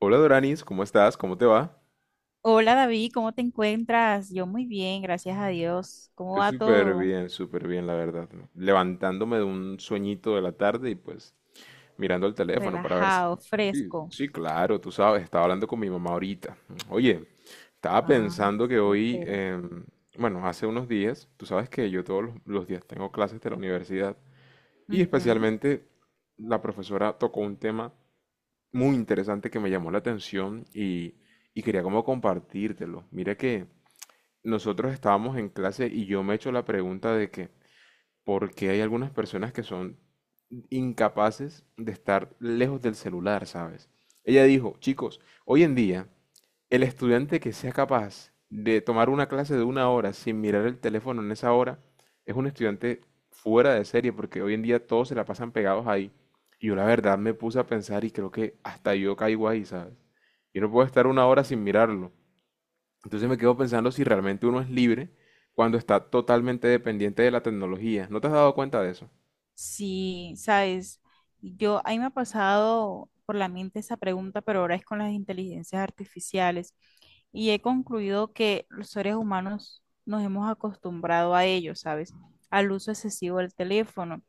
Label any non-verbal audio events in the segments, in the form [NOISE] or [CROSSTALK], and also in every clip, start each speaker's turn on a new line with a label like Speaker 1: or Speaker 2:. Speaker 1: Hola Doranis, ¿cómo estás? ¿Cómo te va?
Speaker 2: Hola David, ¿cómo te encuentras? Yo muy bien, gracias a Dios. ¿Cómo
Speaker 1: Estoy
Speaker 2: va todo?
Speaker 1: súper bien, la verdad. ¿No? Levantándome de un sueñito de la tarde y pues mirando el teléfono para ver si...
Speaker 2: Relajado,
Speaker 1: Sí,
Speaker 2: fresco.
Speaker 1: sí, claro, tú sabes, estaba hablando con mi mamá ahorita. Oye, estaba
Speaker 2: Ah,
Speaker 1: pensando que hoy,
Speaker 2: súper.
Speaker 1: bueno, hace unos días, tú sabes que yo todos los días tengo clases de la universidad y
Speaker 2: Ujú.
Speaker 1: especialmente la profesora tocó un tema muy interesante que me llamó la atención y quería como compartírtelo. Mira que... nosotros estábamos en clase y yo me he hecho la pregunta de que, ¿por qué hay algunas personas que son incapaces de estar lejos del celular, ¿sabes? Ella dijo, chicos, hoy en día, el estudiante que sea capaz de tomar una clase de 1 hora sin mirar el teléfono en esa hora, es un estudiante fuera de serie, porque hoy en día todos se la pasan pegados ahí. Y yo la verdad me puse a pensar y creo que hasta yo caigo ahí, ¿sabes? Yo no puedo estar 1 hora sin mirarlo. Entonces me quedo pensando si realmente uno es libre cuando está totalmente dependiente de la tecnología. ¿No te has dado cuenta de eso?
Speaker 2: Sí, sabes, yo ahí me ha pasado por la mente esa pregunta, pero ahora es con las inteligencias artificiales y he concluido que los seres humanos nos hemos acostumbrado a ello, ¿sabes? Al uso excesivo del teléfono.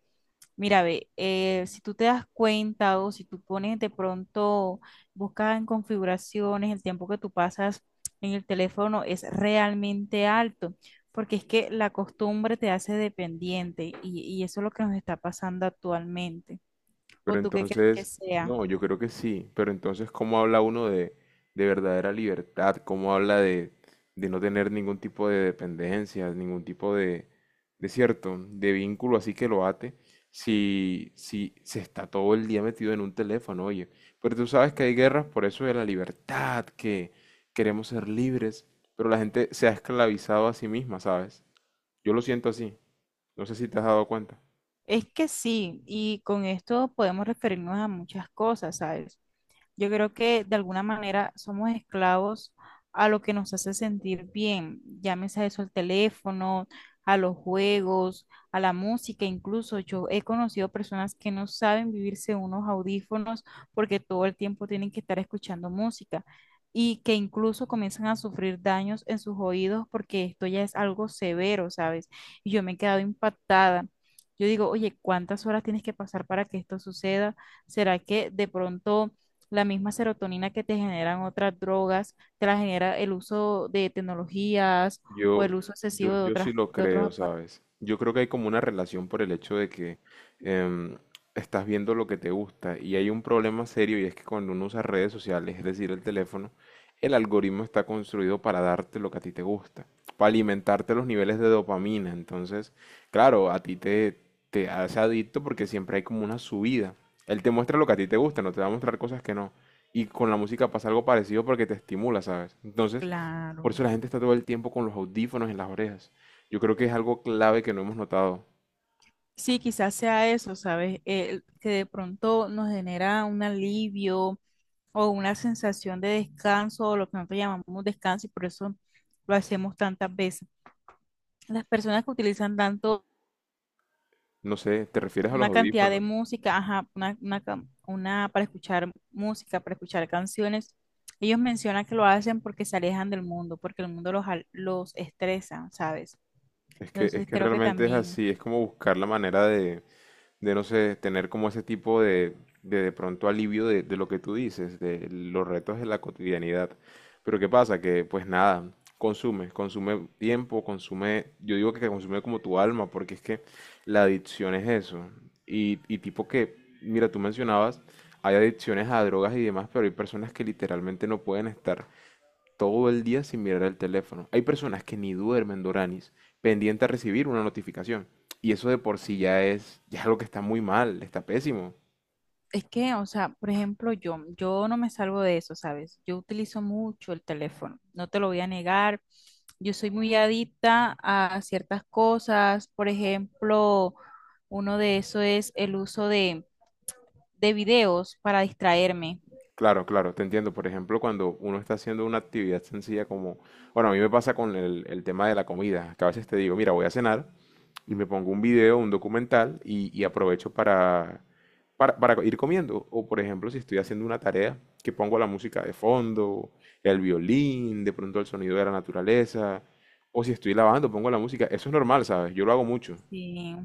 Speaker 2: Mira, ve, si tú te das cuenta o si tú pones de pronto, buscas en configuraciones, el tiempo que tú pasas en el teléfono es realmente alto, porque es que la costumbre te hace dependiente y eso es lo que nos está pasando actualmente. ¿O
Speaker 1: Pero
Speaker 2: tú qué crees que
Speaker 1: entonces,
Speaker 2: sea?
Speaker 1: no, yo creo que sí, pero entonces, ¿cómo habla uno de verdadera libertad? ¿Cómo habla de no tener ningún tipo de dependencia, ningún tipo de cierto, de vínculo así que lo ate, si se está todo el día metido en un teléfono, oye? Pero tú sabes que hay guerras por eso de la libertad, que queremos ser libres, pero la gente se ha esclavizado a sí misma, ¿sabes? Yo lo siento así, no sé si te has dado cuenta.
Speaker 2: Es que sí, y con esto podemos referirnos a muchas cosas, ¿sabes? Yo creo que de alguna manera somos esclavos a lo que nos hace sentir bien, llámese a eso al teléfono, a los juegos, a la música, incluso yo he conocido personas que no saben vivirse unos audífonos porque todo el tiempo tienen que estar escuchando música y que incluso comienzan a sufrir daños en sus oídos porque esto ya es algo severo, ¿sabes? Y yo me he quedado impactada. Yo digo, oye, ¿cuántas horas tienes que pasar para que esto suceda? ¿Será que de pronto la misma serotonina que te generan otras drogas, te la genera el uso de tecnologías o
Speaker 1: Yo,
Speaker 2: el uso
Speaker 1: yo,
Speaker 2: excesivo de
Speaker 1: yo sí
Speaker 2: otras,
Speaker 1: lo
Speaker 2: de otros
Speaker 1: creo,
Speaker 2: aparatos.
Speaker 1: ¿sabes? Yo creo que hay como una relación por el hecho de que em, estás viendo lo que te gusta y hay un problema serio y es que cuando uno usa redes sociales, es decir, el teléfono, el algoritmo está construido para darte lo que a ti te gusta, para alimentarte los niveles de dopamina. Entonces, claro, te hace adicto porque siempre hay como una subida. Él te muestra lo que a ti te gusta, no te va a mostrar cosas que no. Y con la música pasa algo parecido porque te estimula, ¿sabes? Entonces...
Speaker 2: Claro.
Speaker 1: Por eso la gente está todo el tiempo con los audífonos en las orejas. Yo creo que es algo clave que no hemos notado.
Speaker 2: Sí, quizás sea eso, ¿sabes? El que de pronto nos genera un alivio o una sensación de descanso, o lo que nosotros llamamos descanso, y por eso lo hacemos tantas veces. Las personas que utilizan tanto
Speaker 1: No sé, ¿te refieres a los
Speaker 2: una cantidad de
Speaker 1: audífonos?
Speaker 2: música, ajá, una para escuchar música, para escuchar canciones. Ellos mencionan que lo hacen porque se alejan del mundo, porque el mundo los, los estresa, ¿sabes?
Speaker 1: Es que, es
Speaker 2: Entonces
Speaker 1: que
Speaker 2: creo que
Speaker 1: realmente es
Speaker 2: también,
Speaker 1: así, es como buscar la manera de no sé, tener como ese tipo de de pronto alivio de lo que tú dices, de los retos de la cotidianidad. Pero ¿qué pasa? Que pues nada, consume, consume tiempo, consume, yo digo que consume como tu alma, porque es que la adicción es eso. Y tipo que, mira, tú mencionabas, hay adicciones a drogas y demás, pero hay personas que literalmente no pueden estar todo el día sin mirar el teléfono. Hay personas que ni duermen, Doranis, pendiente a recibir una notificación. Y eso de por sí ya es algo que está muy mal, está pésimo.
Speaker 2: o sea, por ejemplo, yo no me salvo de eso, ¿sabes? Yo utilizo mucho el teléfono, no te lo voy a negar. Yo soy muy adicta a ciertas cosas, por ejemplo, uno de eso es el uso de videos para distraerme.
Speaker 1: Claro, claro, te entiendo. Por ejemplo, cuando uno está haciendo una actividad sencilla como, bueno, a mí me pasa con el tema de la comida, que a veces te digo, mira, voy a cenar y me pongo un video, un documental y aprovecho para, para ir comiendo. O por ejemplo, si estoy haciendo una tarea, que pongo la música de fondo, el violín, de pronto el sonido de la naturaleza, o si estoy lavando, pongo la música. Eso es normal, ¿sabes? Yo lo hago mucho.
Speaker 2: Sí.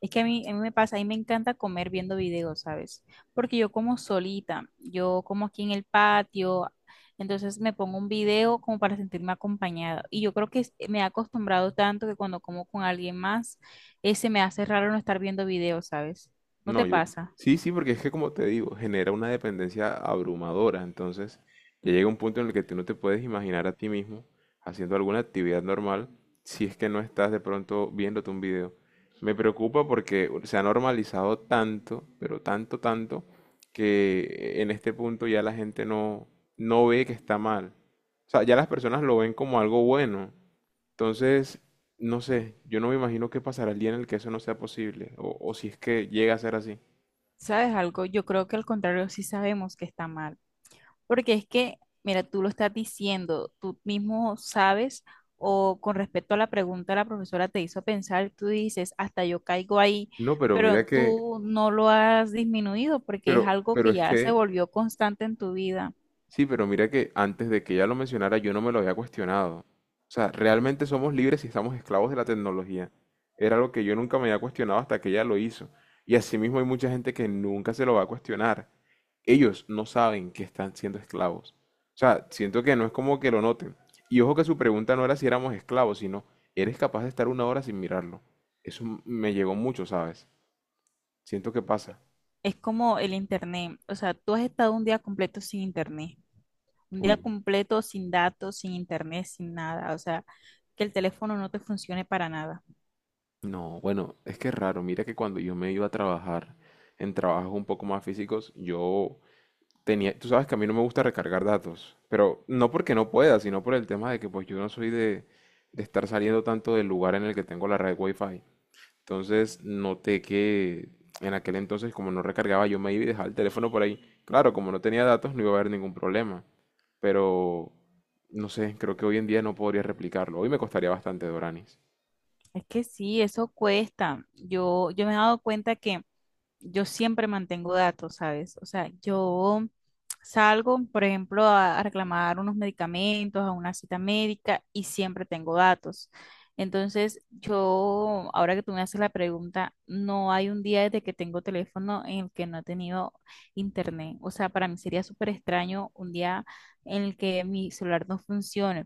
Speaker 2: Es que a mí me pasa, a mí me encanta comer viendo videos, ¿sabes? Porque yo como solita, yo como aquí en el patio, entonces me pongo un video como para sentirme acompañada. Y yo creo que me he acostumbrado tanto que cuando como con alguien más, se me hace raro no estar viendo videos, ¿sabes? ¿No
Speaker 1: No,
Speaker 2: te
Speaker 1: yo,
Speaker 2: pasa?
Speaker 1: sí, sí, porque es que como te digo, genera una dependencia abrumadora, entonces ya llega un punto en el que tú no te puedes imaginar a ti mismo haciendo alguna actividad normal si es que no estás de pronto viéndote un video. Me preocupa porque se ha normalizado tanto, pero tanto, tanto, que en este punto ya la gente no, no ve que está mal. O sea, ya las personas lo ven como algo bueno. Entonces, no sé, yo no me imagino qué pasará el día en el que eso no sea posible, o si es que llega a ser así.
Speaker 2: ¿Sabes algo? Yo creo que al contrario sí sabemos que está mal. Porque es que, mira, tú lo estás diciendo, tú mismo sabes, o con respecto a la pregunta, la profesora te hizo pensar, tú dices, hasta yo caigo ahí,
Speaker 1: No, pero mira
Speaker 2: pero
Speaker 1: que,
Speaker 2: tú no lo has disminuido porque es algo
Speaker 1: pero
Speaker 2: que
Speaker 1: es
Speaker 2: ya se
Speaker 1: que,
Speaker 2: volvió constante en tu vida.
Speaker 1: sí, pero mira que antes de que ella lo mencionara yo no me lo había cuestionado. O sea, realmente somos libres y estamos esclavos de la tecnología. Era algo que yo nunca me había cuestionado hasta que ella lo hizo. Y asimismo hay mucha gente que nunca se lo va a cuestionar. Ellos no saben que están siendo esclavos. O sea, siento que no es como que lo noten. Y ojo que su pregunta no era si éramos esclavos, sino, ¿eres capaz de estar 1 hora sin mirarlo? Eso me llegó mucho, ¿sabes? Siento que pasa.
Speaker 2: Es como el internet, o sea, tú has estado un día completo sin internet, un día
Speaker 1: Uy.
Speaker 2: completo sin datos, sin internet, sin nada, o sea, que el teléfono no te funcione para nada.
Speaker 1: No, bueno, es que es raro. Mira que cuando yo me iba a trabajar en trabajos un poco más físicos, yo tenía, tú sabes que a mí no me gusta recargar datos, pero no porque no pueda, sino por el tema de que pues yo no soy de estar saliendo tanto del lugar en el que tengo la red Wi-Fi. Entonces noté que en aquel entonces como no recargaba, yo me iba y dejaba el teléfono por ahí. Claro, como no tenía datos no iba a haber ningún problema, pero no sé, creo que hoy en día no podría replicarlo. Hoy me costaría bastante, Doranis.
Speaker 2: Es que sí, eso cuesta. Yo me he dado cuenta que yo siempre mantengo datos, ¿sabes? O sea, yo salgo, por ejemplo, a reclamar unos medicamentos, a una cita médica y siempre tengo datos. Entonces, yo, ahora que tú me haces la pregunta, no hay un día desde que tengo teléfono en el que no he tenido internet. O sea, para mí sería súper extraño un día en el que mi celular no funcione.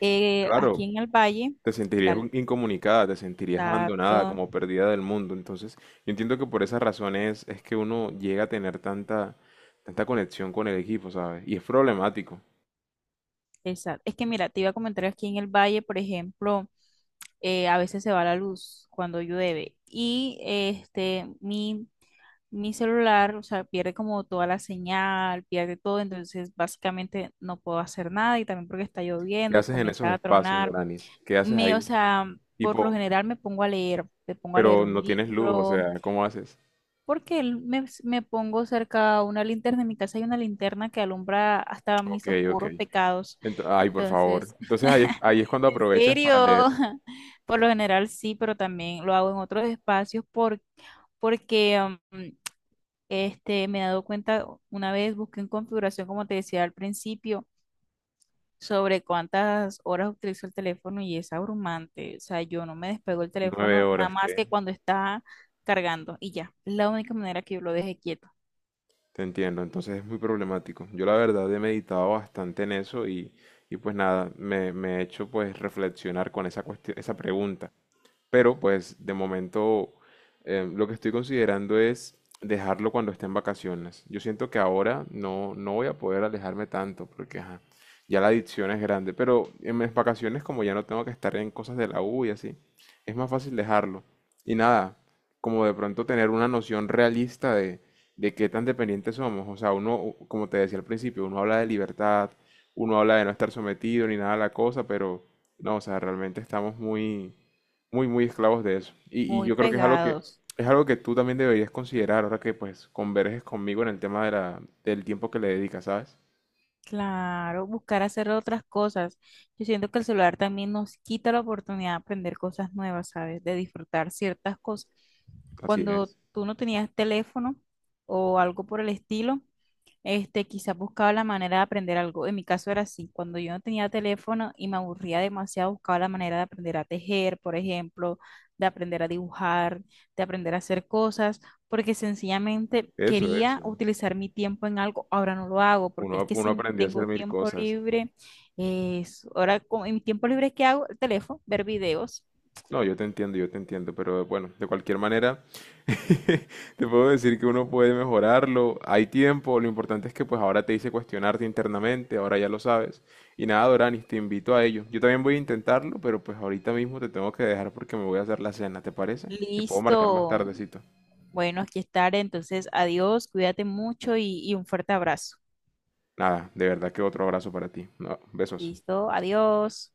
Speaker 2: Aquí
Speaker 1: Claro,
Speaker 2: en el Valle,
Speaker 1: te sentirías
Speaker 2: dale,
Speaker 1: incomunicada, te sentirías abandonada,
Speaker 2: dato.
Speaker 1: como perdida del mundo. Entonces, yo entiendo que por esas razones es que uno llega a tener tanta, tanta conexión con el equipo, ¿sabes? Y es problemático.
Speaker 2: Exacto. Es que mira, te iba a comentar aquí en el valle, por ejemplo, a veces se va la luz cuando llueve y mi celular, o sea, pierde como toda la señal, pierde todo, entonces básicamente no puedo hacer nada y también porque está
Speaker 1: ¿Qué
Speaker 2: lloviendo,
Speaker 1: haces en esos
Speaker 2: comienza a
Speaker 1: espacios,
Speaker 2: tronar.
Speaker 1: Doranis? ¿Qué haces
Speaker 2: Me, o
Speaker 1: ahí?
Speaker 2: sea, por lo
Speaker 1: Tipo,
Speaker 2: general me pongo a leer, me pongo a leer
Speaker 1: pero
Speaker 2: un
Speaker 1: no tienes luz, o
Speaker 2: libro,
Speaker 1: sea, ¿cómo haces?
Speaker 2: porque me pongo cerca a una linterna. En mi casa hay una linterna que alumbra hasta
Speaker 1: Ok,
Speaker 2: mis
Speaker 1: ok.
Speaker 2: oscuros pecados.
Speaker 1: Ay, por favor.
Speaker 2: Entonces,
Speaker 1: Entonces ahí,
Speaker 2: [LAUGHS]
Speaker 1: ahí es cuando
Speaker 2: en
Speaker 1: aprovechas para
Speaker 2: serio,
Speaker 1: leer
Speaker 2: [LAUGHS] por lo general sí, pero también lo hago en otros espacios porque um, este, me he dado cuenta, una vez busqué en configuración, como te decía al principio, sobre cuántas horas utilizo el teléfono y es abrumante. O sea, yo no me despego el
Speaker 1: nueve
Speaker 2: teléfono nada
Speaker 1: horas,
Speaker 2: más
Speaker 1: ¿qué?
Speaker 2: que cuando está cargando y ya. Es la única manera que yo lo deje quieto.
Speaker 1: Te entiendo, entonces es muy problemático. Yo la verdad he meditado bastante en eso y pues nada, me he hecho pues reflexionar con esa cuestión, esa pregunta. Pero pues de momento lo que estoy considerando es dejarlo cuando esté en vacaciones. Yo siento que ahora no, no voy a poder alejarme tanto porque ajá, ya la adicción es grande. Pero en mis vacaciones como ya no tengo que estar en cosas de la U y así, es más fácil dejarlo. Y nada, como de pronto tener una noción realista de qué tan dependientes somos. O sea, uno, como te decía al principio, uno habla de libertad, uno habla de no estar sometido ni nada a la cosa, pero no, o sea, realmente estamos muy muy, muy esclavos de eso. Y
Speaker 2: Muy
Speaker 1: yo creo que es algo que,
Speaker 2: pegados.
Speaker 1: es algo que tú también deberías considerar ahora que pues converges conmigo en el tema de la, del tiempo que le dedicas, ¿sabes?
Speaker 2: Claro, buscar hacer otras cosas. Yo siento que el celular también nos quita la oportunidad de aprender cosas nuevas, ¿sabes? De disfrutar ciertas cosas.
Speaker 1: Así
Speaker 2: Cuando
Speaker 1: es.
Speaker 2: tú no tenías teléfono o algo por el estilo, este, quizás buscaba la manera de aprender algo. En mi caso era así. Cuando yo no tenía teléfono y me aburría demasiado, buscaba la manera de aprender a tejer, por ejemplo, de aprender a dibujar, de aprender a hacer cosas porque sencillamente
Speaker 1: Eso,
Speaker 2: quería
Speaker 1: eso.
Speaker 2: utilizar mi tiempo en algo, ahora no lo hago, porque es
Speaker 1: Uno,
Speaker 2: que
Speaker 1: uno
Speaker 2: si
Speaker 1: aprendió a
Speaker 2: tengo
Speaker 1: hacer mil
Speaker 2: tiempo
Speaker 1: cosas.
Speaker 2: libre, es, ahora con en mi tiempo libre, ¿qué hago? El teléfono, ver videos.
Speaker 1: No, yo te entiendo, pero bueno, de cualquier manera, [LAUGHS] te puedo decir que uno puede mejorarlo, hay tiempo, lo importante es que pues ahora te hice cuestionarte internamente, ahora ya lo sabes. Y nada, Doranis, te invito a ello. Yo también voy a intentarlo, pero pues ahorita mismo te tengo que dejar porque me voy a hacer la cena, ¿te parece? Te puedo marcar más
Speaker 2: Listo.
Speaker 1: tardecito.
Speaker 2: Bueno, aquí estaré. Entonces, adiós, cuídate mucho y un fuerte abrazo.
Speaker 1: Nada, de verdad que otro abrazo para ti. No, besos.
Speaker 2: Listo, adiós.